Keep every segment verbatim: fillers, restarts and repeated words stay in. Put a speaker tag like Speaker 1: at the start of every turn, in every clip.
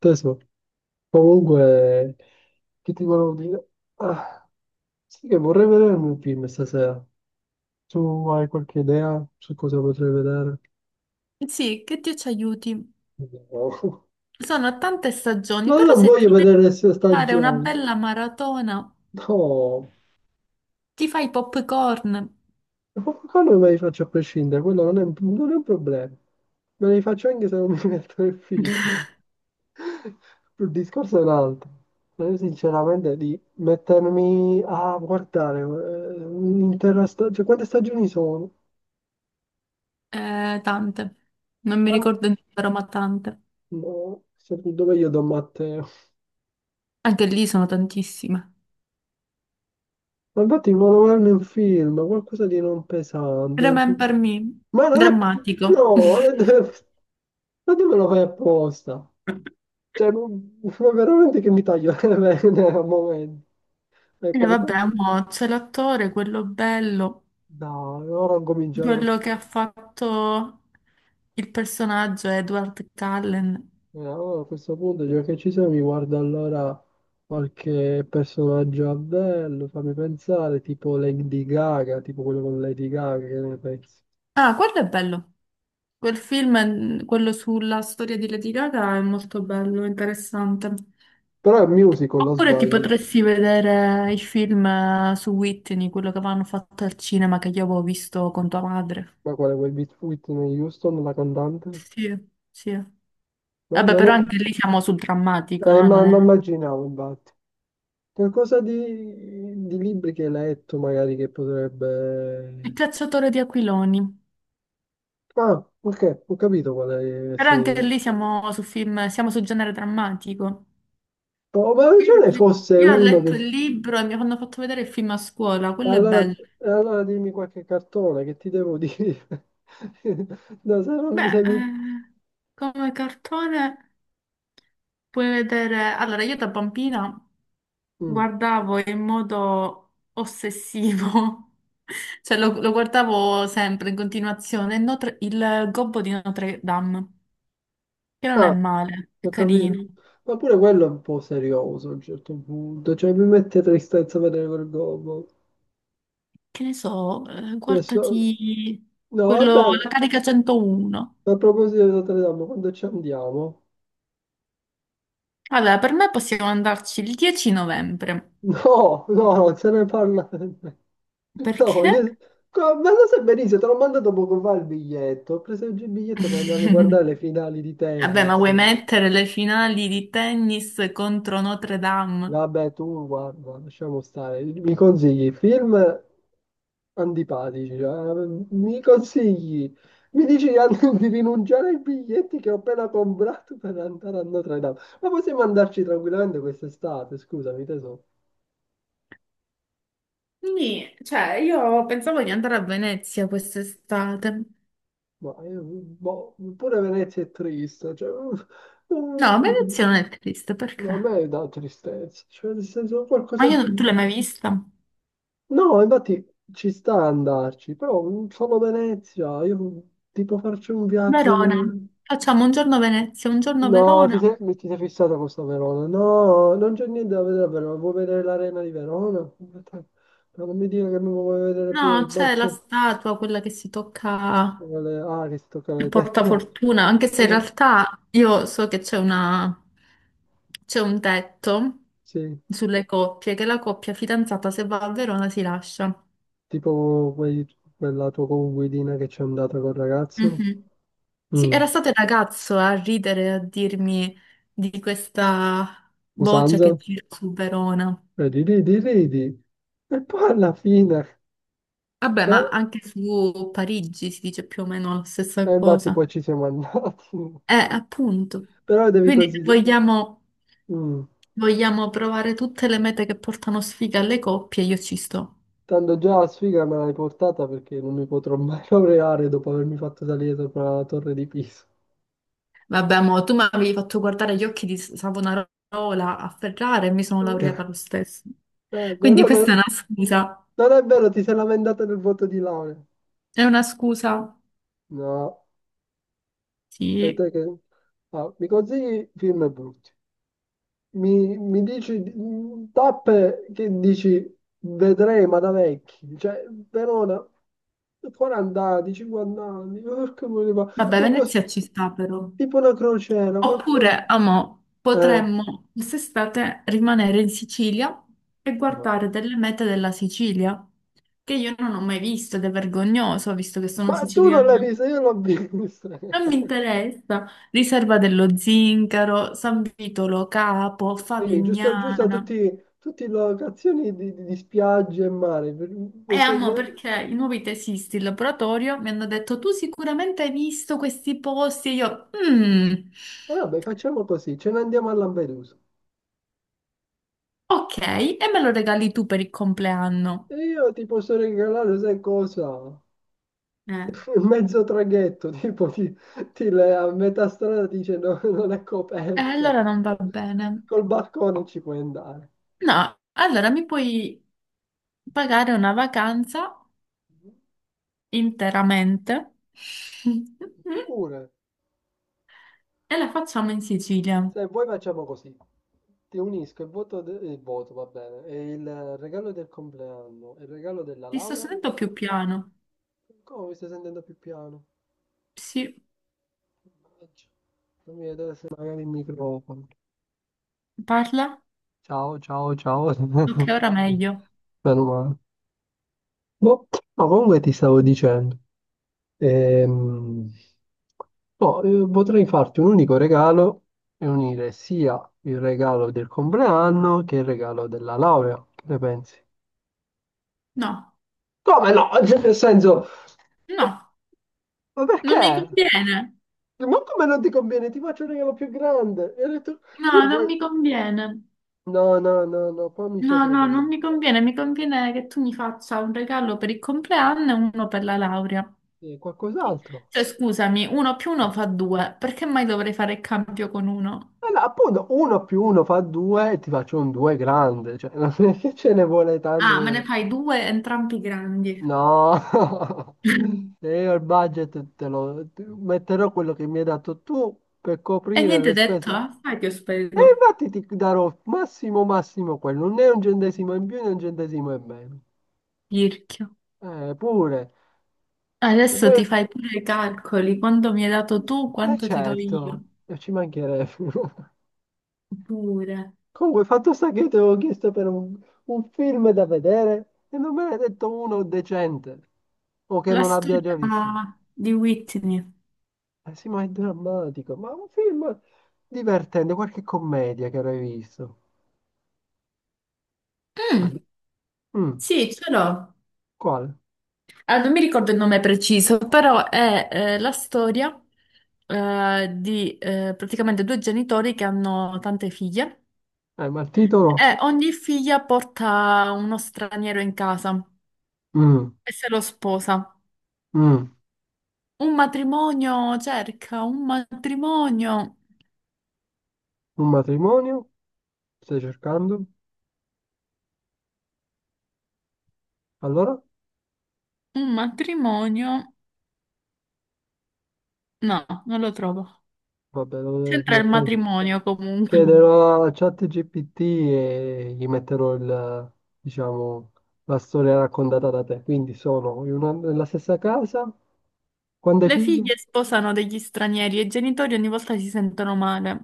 Speaker 1: Teso, comunque, che ti volevo dire? Ah, sì che vorrei vedere un film stasera. Tu hai qualche idea su cosa potrei vedere?
Speaker 2: Sì, che Dio ci aiuti.
Speaker 1: No.
Speaker 2: Sono tante stagioni,
Speaker 1: No,
Speaker 2: però
Speaker 1: non
Speaker 2: se
Speaker 1: voglio
Speaker 2: ti devi
Speaker 1: vedere le sue
Speaker 2: fare una
Speaker 1: stagioni.
Speaker 2: bella maratona,
Speaker 1: No,
Speaker 2: ti fai i popcorn,
Speaker 1: ma quello me li faccio a prescindere, quello non è, non è un problema. Me li faccio anche se non mi metto il film. Il discorso è un altro. Ma Io sinceramente di mettermi a guardare eh, un'intera stagione, cioè quante stagioni sono?
Speaker 2: eh, tante. Non mi
Speaker 1: Tanto,
Speaker 2: ricordo il numero, ma tante.
Speaker 1: no, se- dove io do matte.
Speaker 2: Anche lì sono tantissime.
Speaker 1: Ma infatti volevo verne un film, qualcosa di non pesante.
Speaker 2: Remember Me,
Speaker 1: Ma non è...
Speaker 2: drammatico.
Speaker 1: No, non è- ma tu me lo fai apposta. Cioè, non- ma veramente che mi taglio le vene al momento. È
Speaker 2: E vabbè,
Speaker 1: qualcosa...
Speaker 2: mo c'è l'attore, quello bello,
Speaker 1: No, ora cominciare così.
Speaker 2: quello che ha fatto il personaggio Edward Cullen.
Speaker 1: Eh, allora, a questo punto, già che ci siamo, mi guardo allora qualche personaggio a bello, fammi pensare, tipo Lady Gaga, tipo quello con Lady Gaga, che ne pensi?
Speaker 2: Ah, quello è bello. Quel film, quello sulla storia di Lady Gaga, è molto bello, interessante.
Speaker 1: Però è musical, non
Speaker 2: Oppure ti
Speaker 1: sbaglio.
Speaker 2: potresti vedere il film eh, su Whitney, quello che avevano fatto al cinema che io avevo visto con tua madre.
Speaker 1: Ma quale quel Beat Whitney Houston, la cantante?
Speaker 2: Sì, sì.
Speaker 1: No,
Speaker 2: Vabbè,
Speaker 1: non è...
Speaker 2: però anche lì siamo sul drammatico,
Speaker 1: eh,
Speaker 2: eh,
Speaker 1: ma
Speaker 2: non
Speaker 1: ma
Speaker 2: è...
Speaker 1: immaginavo, infatti. Qualcosa di, di libri che hai letto, magari, che
Speaker 2: Il
Speaker 1: potrebbe...
Speaker 2: cacciatore di aquiloni.
Speaker 1: Ah, ok, ho capito qual è...
Speaker 2: Però
Speaker 1: Se...
Speaker 2: anche lì siamo su film, siamo sul genere drammatico.
Speaker 1: Oh, ma ce
Speaker 2: Io,
Speaker 1: ne fosse
Speaker 2: io ho
Speaker 1: uno
Speaker 2: letto
Speaker 1: che...
Speaker 2: il libro e mi hanno fatto vedere il film a scuola, quello è
Speaker 1: Allora,
Speaker 2: bello.
Speaker 1: allora dimmi qualche cartone, che ti devo dire? No, se non mi...
Speaker 2: Beh,
Speaker 1: Se mi...
Speaker 2: eh, come cartone... Puoi vedere, allora io da bambina
Speaker 1: Mm.
Speaker 2: guardavo in modo ossessivo, cioè lo, lo guardavo sempre in continuazione, il, Notre- il Gobbo di Notre Dame, che non è
Speaker 1: Ah,
Speaker 2: male, è
Speaker 1: ho
Speaker 2: carino.
Speaker 1: capito. Ma pure quello è un po' serioso a un certo punto, cioè mi mette tristezza vedere quel gobbo.
Speaker 2: Che ne so, eh,
Speaker 1: Adesso-
Speaker 2: guardati
Speaker 1: No,
Speaker 2: quello,
Speaker 1: vabbè,
Speaker 2: la carica centouno.
Speaker 1: a proposito di Notre Dame, quando ci andiamo?
Speaker 2: Allora, per me possiamo andarci il dieci novembre,
Speaker 1: No, no, non se ne parla. No,
Speaker 2: perché?
Speaker 1: io... co- Ma lo sai benissimo, te l'ho mandato poco fa il biglietto. Ho preso oggi il biglietto per andare a guardare le finali di
Speaker 2: Vabbè, ma
Speaker 1: tennis.
Speaker 2: vuoi mettere le finali di tennis contro Notre Dame?
Speaker 1: Vabbè, tu guarda, lasciamo stare. Mi consigli film antipatici, cioè, mi consigli, mi dici di an- di rinunciare ai biglietti che ho appena comprato per andare a Notre Dame. Ma possiamo andarci tranquillamente quest'estate, scusami, teso.
Speaker 2: Quindi, cioè, io pensavo di andare a Venezia quest'estate.
Speaker 1: Ma io, boh, pure Venezia è triste, cioè,
Speaker 2: No,
Speaker 1: mm,
Speaker 2: Venezia non è triste,
Speaker 1: mm,
Speaker 2: perché?
Speaker 1: a me dà tristezza, cioè, nel senso,
Speaker 2: Ma
Speaker 1: qualcosa di
Speaker 2: io, tu l'hai
Speaker 1: più.
Speaker 2: mai vista?
Speaker 1: No, infatti ci sta a andarci, però mm, solo Venezia, io tipo farci un viaggio
Speaker 2: Verona.
Speaker 1: magari...
Speaker 2: Facciamo un giorno Venezia, un giorno
Speaker 1: No, ti
Speaker 2: Verona.
Speaker 1: sei, mi- ti sei fissata con sta Verona. No, non c'è niente da vedere a Verona. Vuoi vedere l'arena di Verona? Ma non mi dire che mi vuoi vedere pure il
Speaker 2: No, c'è la
Speaker 1: balcone.
Speaker 2: statua, quella che si tocca
Speaker 1: con le- Ah, che si toccano
Speaker 2: il
Speaker 1: le tette.
Speaker 2: portafortuna, anche se in realtà io so che c'è una... c'è un tetto
Speaker 1: Sì,
Speaker 2: sulle coppie, che la coppia fidanzata se va a Verona si lascia.
Speaker 1: tipo quei- quella tua conguidina che c'è andata col ragazzo.
Speaker 2: Mhm. Sì,
Speaker 1: Mm,
Speaker 2: era stato il ragazzo a ridere, a dirmi di questa voce che
Speaker 1: Usanza?
Speaker 2: gira su Verona.
Speaker 1: Ridi, ridi, ridi. E poi alla fine...
Speaker 2: Vabbè, ma
Speaker 1: eh,
Speaker 2: anche su Parigi si dice più o meno la stessa
Speaker 1: E infatti
Speaker 2: cosa.
Speaker 1: poi ci siamo andati.
Speaker 2: Eh, appunto.
Speaker 1: Però devi
Speaker 2: Quindi
Speaker 1: considerare...
Speaker 2: vogliamo, vogliamo provare tutte le mete che portano sfiga alle coppie, io ci sto.
Speaker 1: Tanto già la sfiga me l'hai portata perché non mi potrò mai laureare dopo avermi fatto salire sopra la torre di Pisa.
Speaker 2: Vabbè, mo, tu mi avevi fatto guardare gli occhi di Savonarola a Ferrara e mi sono laureata lo stesso.
Speaker 1: Eh,
Speaker 2: Quindi
Speaker 1: però non...
Speaker 2: questa è una scusa.
Speaker 1: non è vero, ti sei lamentata del voto di laurea.
Speaker 2: È una scusa.
Speaker 1: No, e
Speaker 2: Sì.
Speaker 1: te che... Ah, mi consigli film brutti. Mi, mi dici mm, tappe che dici vedrei ma da vecchi. Cioè, Verona, 40 anni, 50 anni, porca miseria, ma...
Speaker 2: Vabbè,
Speaker 1: Ma boh,
Speaker 2: Venezia ci sta però.
Speaker 1: tipo una crociera, qualcosa.
Speaker 2: Oppure, amo,
Speaker 1: Eh.
Speaker 2: potremmo quest'estate rimanere in Sicilia e
Speaker 1: No,
Speaker 2: guardare
Speaker 1: no.
Speaker 2: delle mete della Sicilia, che io non ho mai visto ed è vergognoso, visto che sono
Speaker 1: Ma tu non l'hai
Speaker 2: siciliana.
Speaker 1: vista, io l'ho vista.
Speaker 2: Non mi interessa. Riserva dello Zincaro, San Vitolo Capo,
Speaker 1: Sì, giusto, giusto,
Speaker 2: Favignana.
Speaker 1: tutti, tutte locazioni di, di- di spiagge e mare. Per-
Speaker 2: E
Speaker 1: lo so-
Speaker 2: amo
Speaker 1: le-
Speaker 2: perché i nuovi tesisti in laboratorio mi hanno detto tu sicuramente hai visto questi posti e io... "Mm".
Speaker 1: E vabbè, facciamo così, ce ne andiamo a Lampedusa.
Speaker 2: Ok, e me lo regali tu per il compleanno.
Speaker 1: E io ti posso regalare, sai cosa?
Speaker 2: Eh.
Speaker 1: Mezzo traghetto, tipo ti, ti le- a metà strada ti dice no, non è
Speaker 2: E
Speaker 1: coperto.
Speaker 2: allora non va bene.
Speaker 1: Col balcone ci puoi andare.
Speaker 2: No, allora mi puoi pagare una vacanza interamente
Speaker 1: Pure.
Speaker 2: e la facciamo in Sicilia.
Speaker 1: Se vuoi facciamo così, ti unisco il voto, de- il voto, va bene, e il regalo del compleanno e il regalo della
Speaker 2: Ti sto
Speaker 1: laurea.
Speaker 2: sentendo più piano.
Speaker 1: Come mi stai sentendo più piano?
Speaker 2: Sì,
Speaker 1: Mannaggia. Fammi vedere se magari il microfono.
Speaker 2: parla?
Speaker 1: Ciao, ciao, ciao.
Speaker 2: Ok, ora meglio.
Speaker 1: Meno male. Boh, ma comunque ti stavo dicendo, ehm, boh, eh, potrei farti un unico regalo e unire sia il regalo del compleanno che il regalo della laurea. Che ne pensi?
Speaker 2: No,
Speaker 1: Come no? Cioè, nel senso,
Speaker 2: no,
Speaker 1: ma
Speaker 2: non mi
Speaker 1: perché?
Speaker 2: conviene.
Speaker 1: Ma come non ti conviene? Ti faccio un regalo più grande. E ho detto, io
Speaker 2: No, non
Speaker 1: poi...
Speaker 2: mi conviene.
Speaker 1: No, no, no, no, qua mi stai
Speaker 2: No, no, non
Speaker 1: fregando.
Speaker 2: mi conviene. Mi conviene che tu mi faccia un regalo per il compleanno e uno per la laurea.
Speaker 1: Sì, qualcos'altro.
Speaker 2: Cioè, scusami, uno più uno fa due, perché mai dovrei fare il cambio con uno?
Speaker 1: Allora, appunto, uno più uno fa due e ti faccio un due grande. Cioè, non è che ce ne vuole tanto.
Speaker 2: Ah, me ne
Speaker 1: per-
Speaker 2: fai due, entrambi grandi.
Speaker 1: No. Se io il budget te lo te- metterò quello che mi hai dato tu per
Speaker 2: E
Speaker 1: coprire
Speaker 2: niente
Speaker 1: le
Speaker 2: detto,
Speaker 1: spese.
Speaker 2: eh? Sai che ho
Speaker 1: E
Speaker 2: spento.
Speaker 1: infatti ti darò massimo massimo quello, non è un centesimo in più né un centesimo in meno.
Speaker 2: Pirchio.
Speaker 1: Eh, pure. E
Speaker 2: Adesso
Speaker 1: poi...
Speaker 2: ti fai pure i calcoli, quanto mi hai dato tu,
Speaker 1: Eh
Speaker 2: quanto ti do
Speaker 1: certo,
Speaker 2: io.
Speaker 1: e ci mancherebbe.
Speaker 2: Pure.
Speaker 1: Comunque, fatto sta che io ti avevo chiesto per un, un film da vedere e non me ne hai detto uno decente o che
Speaker 2: La
Speaker 1: non abbia già visto.
Speaker 2: storia di Whitney.
Speaker 1: Eh sì, ma è drammatico, ma un film divertente, qualche commedia che avrai visto.
Speaker 2: Mm,
Speaker 1: Quale? Mm,
Speaker 2: sì, ce l'ho.
Speaker 1: quale?
Speaker 2: Ah, non mi ricordo il nome preciso, però è eh, la storia eh, di eh, praticamente due genitori che hanno tante figlie
Speaker 1: Eh, ma il titolo?
Speaker 2: e ogni figlia porta uno straniero in casa
Speaker 1: Mm,
Speaker 2: e se lo sposa.
Speaker 1: mm,
Speaker 2: Un matrimonio cerca, un matrimonio,
Speaker 1: un matrimonio? Stai cercando? Allora?
Speaker 2: un matrimonio. No, non lo trovo.
Speaker 1: Vabbè, lo devo
Speaker 2: C'entra il
Speaker 1: mettere.
Speaker 2: matrimonio comunque.
Speaker 1: Chiederò a ChatGPT e gli metterò il, diciamo, la storia raccontata da te. Quindi sono in una- nella stessa casa, quante
Speaker 2: Le
Speaker 1: figlie?
Speaker 2: figlie sposano degli stranieri e i genitori ogni volta si sentono male.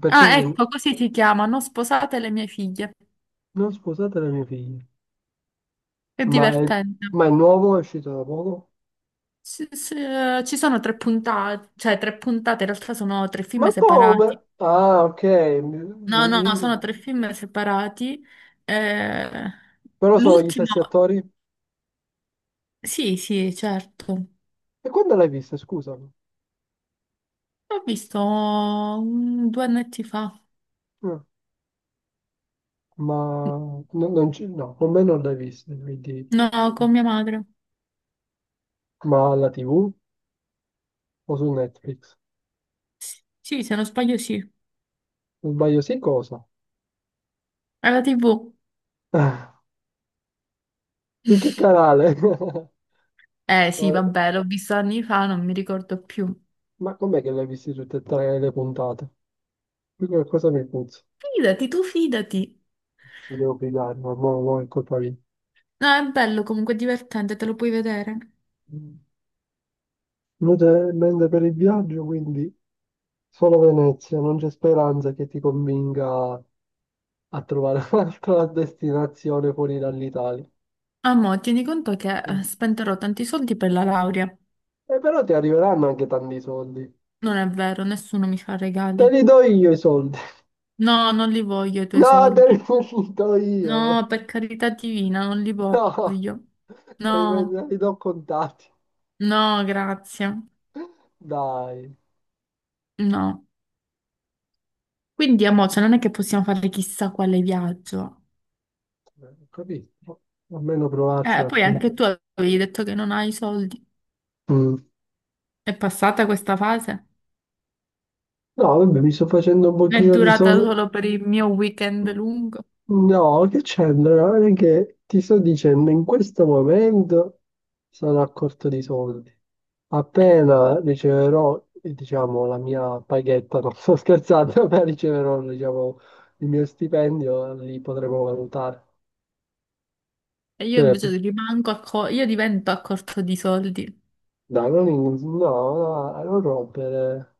Speaker 1: Perché
Speaker 2: Ah,
Speaker 1: siete-
Speaker 2: ecco, così si chiama, Non sposate le mie figlie.
Speaker 1: non sposate le mie figlie?
Speaker 2: È
Speaker 1: Ma è,
Speaker 2: divertente.
Speaker 1: ma è nuovo, è uscito da poco?
Speaker 2: Sì, sì, eh, ci sono tre puntate, cioè tre puntate, in realtà sono tre film
Speaker 1: Ma come?
Speaker 2: separati.
Speaker 1: Ah, ok. mi-
Speaker 2: No,
Speaker 1: mi-
Speaker 2: no,
Speaker 1: mi-
Speaker 2: sono tre film separati. Eh,
Speaker 1: Però sono gli
Speaker 2: l'ultimo,
Speaker 1: stessi attori.
Speaker 2: sì, sì, certo.
Speaker 1: E quando l'hai vista, scusami?
Speaker 2: L'ho visto mm, due annetti fa.
Speaker 1: Ah. Ma no- non ci- no, con me non l'hai vista, quindi...
Speaker 2: No, con mia madre.
Speaker 1: Ma alla T V o su Netflix?
Speaker 2: Sì, se non sbaglio, sì.
Speaker 1: Non sbaglio, sì, cosa?
Speaker 2: Alla tivù.
Speaker 1: Ah, su che canale?
Speaker 2: Eh sì,
Speaker 1: Ma
Speaker 2: vabbè, l'ho visto anni fa, non mi ricordo più.
Speaker 1: ma com'è che l'hai viste tutte e tre le puntate? Qui qualcosa mi puzza.
Speaker 2: Fidati, tu fidati.
Speaker 1: Mi devo pigliare, ma mo, mo è colpa mia.
Speaker 2: No, è bello, comunque è divertente, te lo puoi vedere.
Speaker 1: Inutile per il viaggio, quindi solo Venezia, non c'è speranza che ti convinca a trovare un'altra destinazione fuori dall'Italia.
Speaker 2: Ah, mo, tieni conto che eh, spenderò tanti soldi per la laurea.
Speaker 1: E però ti arriveranno anche tanti soldi.
Speaker 2: Non è vero, nessuno mi fa
Speaker 1: Te
Speaker 2: regali.
Speaker 1: li do io i soldi.
Speaker 2: No, non li voglio i tuoi
Speaker 1: No, te li
Speaker 2: soldi.
Speaker 1: do io.
Speaker 2: No, per carità divina, non li
Speaker 1: No,
Speaker 2: voglio.
Speaker 1: te li, te
Speaker 2: No,
Speaker 1: li do contati.
Speaker 2: no, grazie.
Speaker 1: Dai,
Speaker 2: No. Quindi, amore, cioè, non è che possiamo fare chissà quale viaggio.
Speaker 1: eh, ho capito. Almeno provarci
Speaker 2: Eh,
Speaker 1: un
Speaker 2: poi
Speaker 1: attimo.
Speaker 2: anche tu avevi detto che non hai soldi.
Speaker 1: Mm.
Speaker 2: È passata questa fase?
Speaker 1: No, vabbè, mi sto facendo un
Speaker 2: È
Speaker 1: pochino di
Speaker 2: durata
Speaker 1: soldi.
Speaker 2: solo per il mio weekend lungo?
Speaker 1: No, che c'entra? Guarda che ti sto dicendo, in questo momento sono a corto di soldi. Appena riceverò, eh, diciamo, la mia paghetta, non sto scherzando, appena riceverò, diciamo, il mio stipendio, li potremo valutare.
Speaker 2: E io
Speaker 1: Cioè,
Speaker 2: invece rimango a co- io divento a corto di soldi.
Speaker 1: dai, non, in- no, no, non rompere.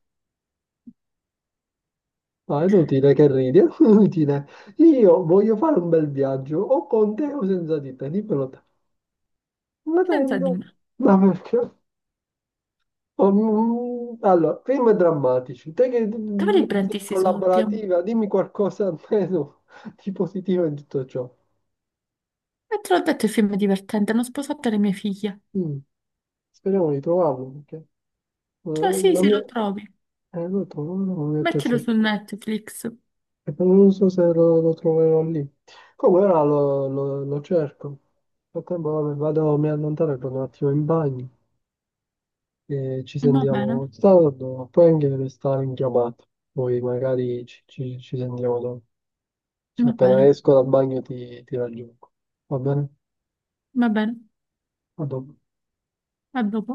Speaker 1: No, è inutile che ridi, è inutile. Io voglio fare un bel viaggio, o con te o senza di te, dimmelo te. Ma
Speaker 2: Senza di
Speaker 1: tanto,
Speaker 2: me.
Speaker 1: ma perché? Oh, mm, mm, allora, film drammatici. Te che mm,
Speaker 2: Dove li
Speaker 1: non
Speaker 2: prendi
Speaker 1: sei
Speaker 2: questi soldi? Amore?
Speaker 1: collaborativa, dimmi qualcosa almeno di positivo in tutto ciò.
Speaker 2: E te l'ho detto, il film è divertente, hanno sposato le mie figlie.
Speaker 1: Mm, Speriamo di trovarlo, perché eh,
Speaker 2: Cioè, sì,
Speaker 1: la
Speaker 2: sì,
Speaker 1: mia...
Speaker 2: lo trovi.
Speaker 1: eh, lo trovo, lo metto a
Speaker 2: Mettilo su
Speaker 1: cercare.
Speaker 2: Netflix.
Speaker 1: E poi Non so se lo, lo troverò lì. Come ora lo, lo- lo cerco. Nel frattempo, vabbè, vado, mi allontano e vado un attimo in bagno e ci
Speaker 2: Va bene,
Speaker 1: sentiamo tardi, poi anche restare in chiamata. Poi magari ci, ci ci sentiamo dopo. Cioè,
Speaker 2: va
Speaker 1: appena
Speaker 2: bene,
Speaker 1: esco dal bagno ti, ti raggiungo. Va bene?
Speaker 2: va bene.
Speaker 1: A dopo.
Speaker 2: A dopo.